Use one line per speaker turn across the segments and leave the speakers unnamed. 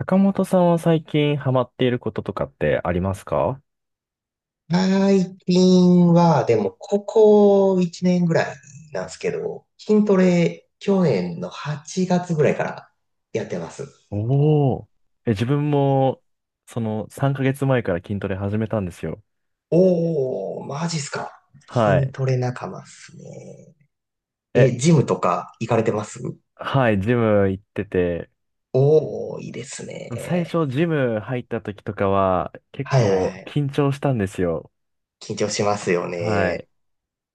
坂本さんは最近ハマっていることとかってありますか？
最近は、でも、ここ1年ぐらいなんですけど、筋トレ、去年の8月ぐらいからやってます。
おおー。自分も、その3ヶ月前から筋トレ始めたんですよ。
おー、マジっすか。
は
筋
い。
トレ仲間っすね。え、
え、
ジムとか行かれてます？
はい、ジム行ってて、
おー、いいです
最
ね。
初ジム入った時とかは結
はいはい
構
はい。
緊張したんですよ。
緊張しますよ
は
ね。
い。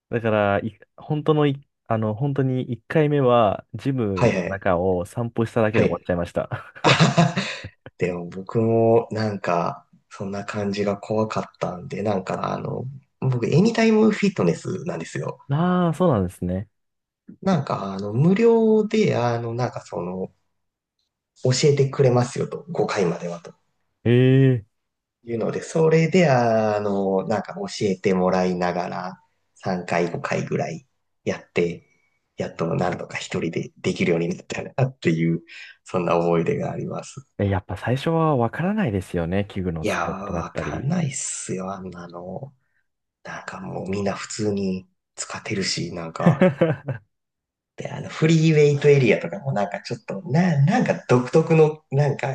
だから、い本当のい、あの、本当に1回目はジ
は
ム
い
の
はい。
中を散歩しただけ
は
で終わ
い。
っちゃいました。
でも僕もなんか、そんな感じが怖かったんで、なんか僕、エニタイムフィットネスなんですよ。
ああ、そうなんですね。
なんか無料で、なんか教えてくれますよと、5回まではと。
ええ
いうので、それで、なんか教えてもらいながら、3回、5回ぐらいやって、やっとなんとか一人でできるようになったなっていう、そんな思い出があります。
えやっぱ最初はわからないですよね。器具の
いや
使い
ー、
方だっ
わ
た
かん
り。
ないっすよ、あんなの。なんかもうみんな普通に使ってるし、なんか、で、フリーウェイトエリアとかもなんかちょっと、なんか独特の、なんか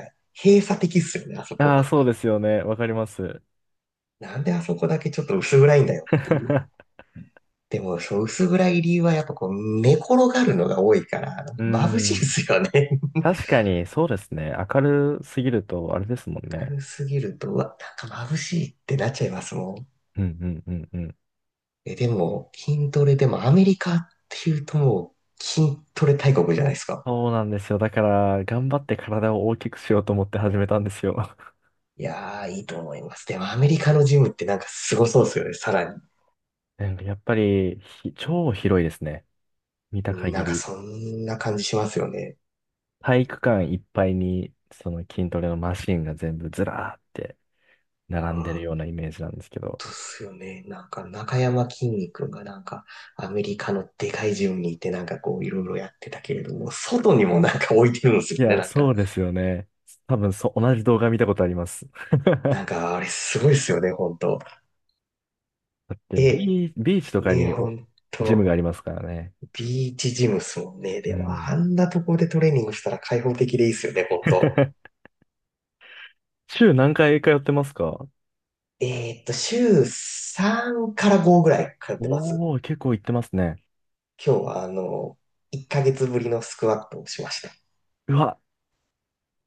閉鎖的っすよね、あそこ。
ああ、そうですよね。わかります。
なんであそこだけちょっと薄暗いんだよっていう。でも、そう、薄暗い理由はやっぱこう、寝転がるのが多いから、
うー
眩しいっ
ん。
すよね。
確かに、そうですね。明るすぎると、あれですも んね。
軽すぎると、うわ、なんか眩しいってなっちゃいますもん。
うんうんうんうん。
え、でも、筋トレでもアメリカっていうともう、筋トレ大国じゃないですか。
そうなんですよ。だから、頑張って体を大きくしようと思って始めたんですよ。
いやー、いいと思います。でもアメリカのジムってなんかすごそうですよね、さらに。
なんかやっぱり、超広いですね。見た
なん
限
か
り。
そんな感じしますよね。
体育館いっぱいに、その筋トレのマシンが全部ずらーって並んでる
本
ようなイメージなんですけど。
当っすよね。なんか中山きんに君がなんかアメリカのでかいジムにいてなんかこういろいろやってたけれども、外にもなんか置いてるんですよ
い
ね、
や、
なんか。
そうですよね。多分そう、同じ動画見たことあります。
なんかあれすごいですよね、本当。
だって
え、
ビーチとか
ね、
にお
本
ジムが
当。
ありますからね。
ビーチジムっすもんね。
う
でも
ん。
あんなところでトレーニングしたら開放的でいいっすよね、本当。
週何回通ってますか？
週3から5ぐらい通ってます。
おー、結構行ってますね。
今日は、1ヶ月ぶりのスクワットをしました。
うわ、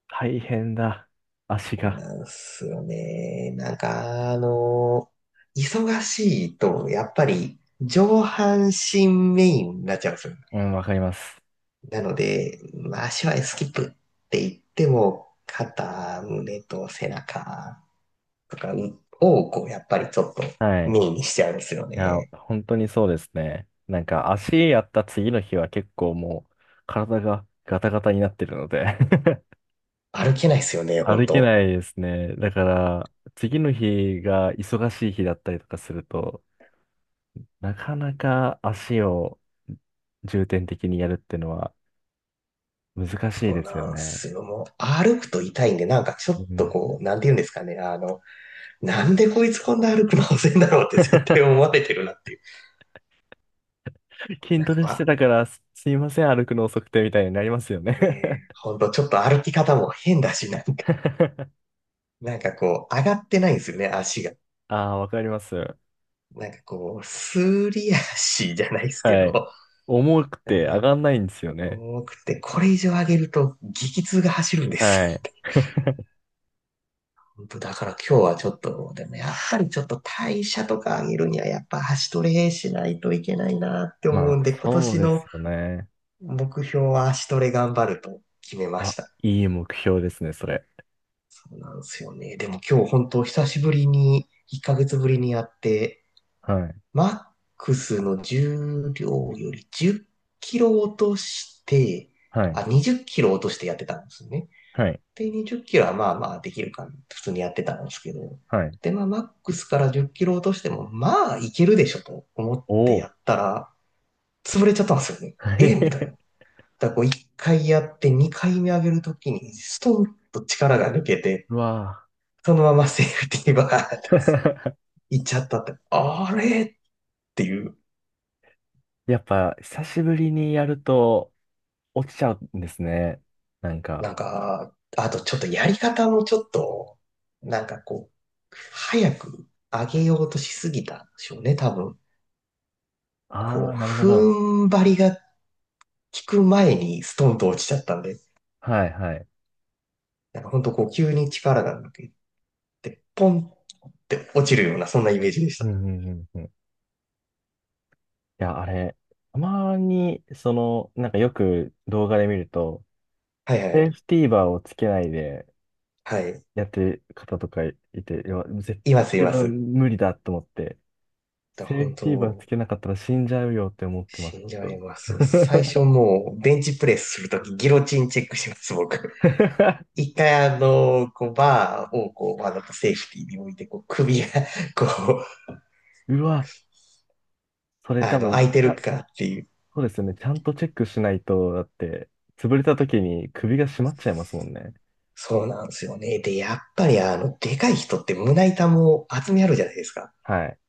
大変だ。足
そう
が。
なんすよね。なんか、忙しいと、やっぱり、上半身メインになっちゃうんですよ。
うん、わかります。
なので、まあ、足はスキップって言っても、肩、胸と背中とかを、こう、やっぱりちょっと
はい。
メイン
い
にしちゃうんですよ
や、
ね。
本当にそうですね。なんか足やった次の日は結構もう体がガタガタになってるので、
歩けないですよね、ほん
歩け
と。
ないですね。だから、次の日が忙しい日だったりとかすると、なかなか足を重点的にやるっていうのは難しい
そう
ですよ
なん
ね。
すよ。もう、歩くと痛いんで、なんかちょ
う
っと
ん。
こう、なんて言うんですかね。なんでこいつこんな歩くの遅いんだろうって絶対思 われてるなっていう。
筋
なん
トレして
か、
たから、すいません、歩くの遅くてみたいになりますよね？
ねえ、ほんとちょっと歩き方も変だし、なんか、なんかこう、上がってないんですよね、足が。
ああ、わかります。
なんかこう、すり足じゃないですけど、
はい。重くて上
えー
がんないんですよね。
重くて、これ以上上げると激痛が走るんで
は
す。
い。
だから今日はちょっと、でもやっぱりちょっと代謝とか上げるにはやっぱ足トレしないといけないなって
ま
思
あ、
うんで、今
そう
年
で
の
すよね。
目標は足トレ頑張ると決めまし
あ、
た。
いい目標ですね、それ。
そうなんですよね。でも今日本当久しぶりに、1ヶ月ぶりにやって、
はい。
マックスの重量より10キロ落として、
はい。
あ、20キロ落としてやってたんですね。
はい。
で、20キロはまあまあできるかな。普通にやってたんですけど。
はい。
で、まあ、マックスから10キロ落としても、まあ、いけるでしょと思っ
お
てや
お。
ったら、潰れちゃったんですよね。ええみたいな。だか らこう、1回やって2回目上げるときに、ストンと力が抜けて、
うわ
そのままセーフティーバーって
ぁ。
行っちゃったって、あれっていう、
やっぱ久しぶりにやると落ちちゃうんですね。なんか、
なんか、あとちょっとやり方もちょっと、なんかこう、早く上げようとしすぎたんでしょうね、多分。
ああ、
こう、
なるほど。
踏ん張りが効く前にストンと落ちちゃったんで、
はいはい。
なんかほんとこう急に力が抜けて、ポンって落ちるような、そんなイメージでし
うん
た。
うんうんうん。いや、あれ、たまに、なんかよく動画で見ると、
はいは
セー
い。
フティーバーをつけないで
はい。
やってる方とかいて、いや、絶
いま
対
す、い
自
ま
分
す。
無理だと思って、セー
本
フティーバー
当、
つけなかったら死んじゃうよって思ってます。
死んじ
ち
ゃ
ょ
い
っ
ま
と。
す。最初もう、ベンチプレスするとき、ギロチンチェックします、僕。一回こう、バーをこう、わざとセーフティーに置いて、こう、首がこう、
うわ、それ多分、
空いてるかっていう、
そうですね。ちゃんとチェックしないと、だって、潰れた時に首が締まっちゃいますもんね。
そうなんですよね。で、やっぱりでかい人って胸板も厚みあるじゃないですか。
はい。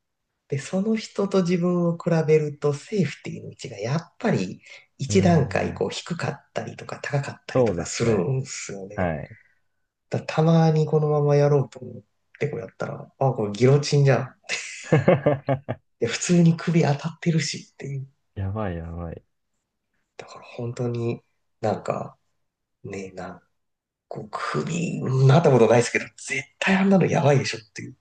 で、その人と自分を比べるとセーフティーの位置がやっぱり
うー
一段階
ん。
こう低かったりとか高かったり
そ
と
うで
か
す
する
ね。
んですよね。
はい。
たまにこのままやろうと思ってこうやったら、あ、これギロチンじゃん。で、普通に首当たってるしっていう。
やばいやばい。い
だから本当になんかね、こう首、なったことないですけど、絶対あんなのやばいでしょっていう。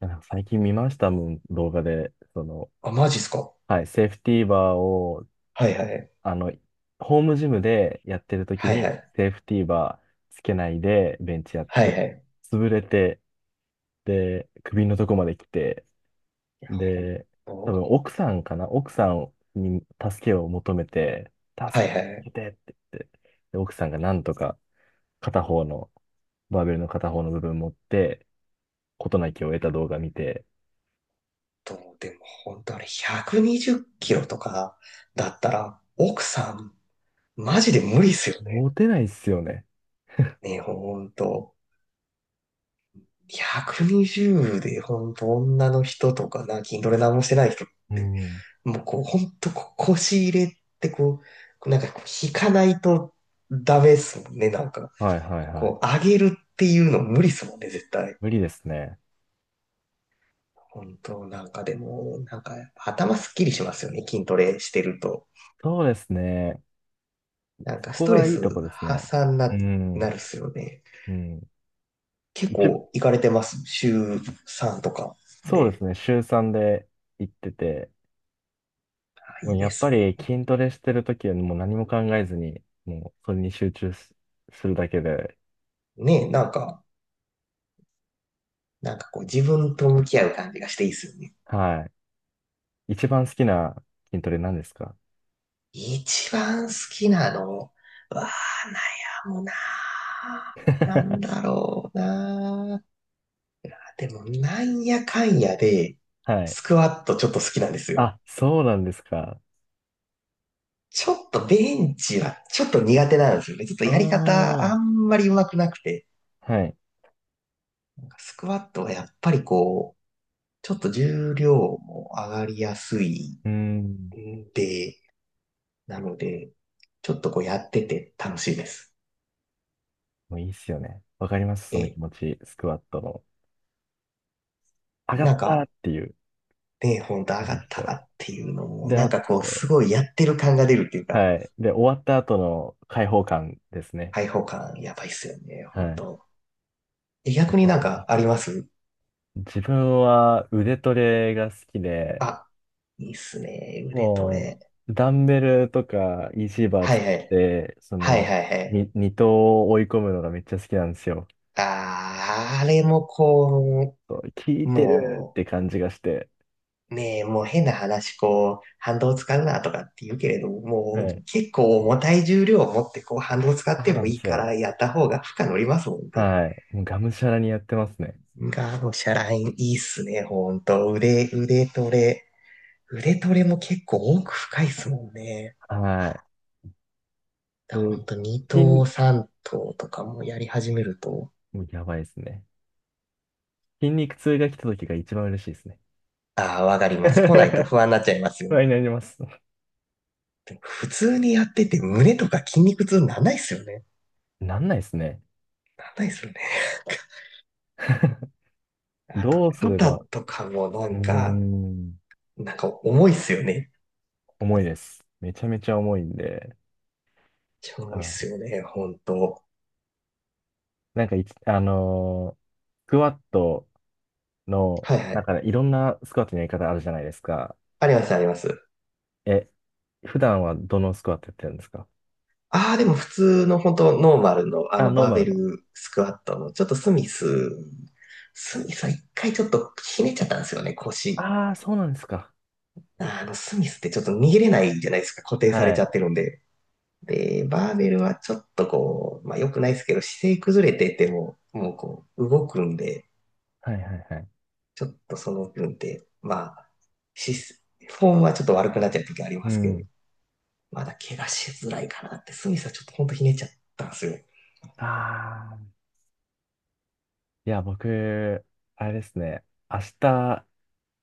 や最近見ましたもん、動画で。
あ、マジっすか。
はい、セーフティーバーを、
はいはい。
あの、ホームジムでやってる時
はいは
に、
い。
セーフティーバーつけないで、ベンチやっ
はい
て、
はい。
潰れて、で、首のとこまで来て、
ほん
で、多分
と、
奥さんかな奥さんに助けを求めて、
はい
助
は
け
い。
てって言って、で、奥さんがなんとか片方の、バーベルの片方の部分持って、事なきを得た動画見て、
でも本当あれ120キロとかだったら、奥さん、マジで無理っすよね。
モテないっすよね。
ね、ほんと。120でほんと女の人とかな、筋トレ何もしてない人っ
う
て、
ん。
もうこう、ほんとこ腰入れってこう、なんかこう引かないとダメっすもんね、なんか。
はいはいはい。
こう、上げるっていうの無理っすもんね、絶対。
無理ですね。
本当、なんかでも、なんか頭すっきりしますよね、筋トレしてると。
そうですね。
なんか
そ
ス
こ
トレ
がいい
ス
とこですね。
発散
う
な
ん。
るっすよね。
うん。
結
一番、
構行かれてます。週3とか
そうです
で。
ね。週3で行ってて、
あ
も
い
う
い
や
で
っぱ
すね。
り筋トレしてるときはもう何も考えずに、もうそれに集中す、するだけで、
ねえ、なんか、なんかこう自分と向き合う感じがしていいっすよね。
はい。一番好きな筋トレ何ですか？
一番好きなのは悩むな ぁな
は
ん
い。
だろうなぁでも、なんやかんやで、スクワットちょっと好きなんですよ。
あ、そうなんですか。
ちょっとベンチはちょっと苦手なんですよね。ちょっと
あ
やり方
あ、
あんまり上手くなくて。
はい。
なんかスクワットはやっぱりこう、ちょっと重量も上がりやすい
うーん。
んで、なので、ちょっとこうやってて楽しいです。
もういいっすよね。わかります、その気
え、
持ち。スクワットの。上がっ
なん
た
か
っていう
ね、ほんと上が
感
っ
じ
た
と。
っていうのも、
で、
なん
あ
かこうす
と、
ごいやってる感が出るっていうか、
はい。で、終わった後の解放感ですね。
開放感やばいっすよね、
は
ほん
い。め
と。え
ちゃめ
逆
ち
に
ゃわ
なん
かりま
かあ
す。
ります
自分は腕トレが好きで、
あ、いいっすね、腕ト
も
レ。
う、ダンベルとかイ c バー
は
作
いは
っ
い。
て、
はいはいはい。
二頭を追い込むのがめっちゃ好きなんですよ。
あー、あれもこ
そう効
う、
いてるっ
も
て感じがして。
う、ねえ、もう変な話、こう、反動使うなとかって言うけれども、
は
もう
い。
結構重たい重量を持ってこう反動使っ
そう
て
な
も
んで
いい
す
か
よ。
らやった方が負荷乗りますもんね。
はい。もうがむしゃらにやってますね。
ガードシャラインいいっすね、ほんと。腕トレ。腕トレも結構奥深いっすもんね。
はい。
だからほんと2
筋、
頭3頭とかもやり始めると、
もうやばいですね。筋肉痛が来た時が一番嬉しいですね。
ああ、わかります。来ないと不安になっちゃいます よ
不安に
ね。
なります。
普通にやってて胸とか筋肉痛なんないっすよね。
なんないですね。
なんないっすよね。あと、
どうすれ
肩
ば、う
とかもな
ー
んか、
ん、
なんか重いっすよね。
重いです。めちゃめちゃ重いんで。
超重いっすよね、ほんと。
なんかいつ、スクワットの、
はいは
なん
い。
からいろんなスクワットのやり方あるじゃないですか。
ありますあります。
え、普段はどのスクワットやってるんですか？
ああ、でも普通の本当ノーマルのあ
あ、
の
ノー
バー
マ
ベ
ルの。
ルスクワットの、ちょっとスミスは一回ちょっとひねっちゃったんですよね、腰。
ああ、そうなんですか。
スミスってちょっと逃げれないじゃないですか、固定され
は
ちゃ
い。
ってるんで。で、バーベルはちょっとこう、まあ良くないですけど、姿勢崩れてても、もうこう、動くんで、
はいはいはい。
ちょっとその分で、まあ、し、フォームはちょっと悪くなっちゃう時ありま
う
すけど、
ん。
まだ怪我しづらいかなって、スミスはちょっとほんとひねっちゃったんですよ。
ああ。いや、僕、あれですね。明日、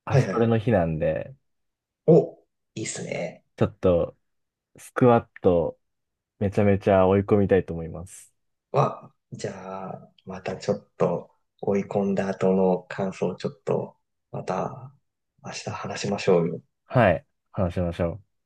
明
は
日
いは
ト
いは
レの
い。
日なんで、
お、いいっすね。
ちょっと、スクワット、めちゃめちゃ追い込みたいと思います。
じゃあ、またちょっと追い込んだ後の感想をちょっと、また明日話しましょうよ。
はい。話しましょう。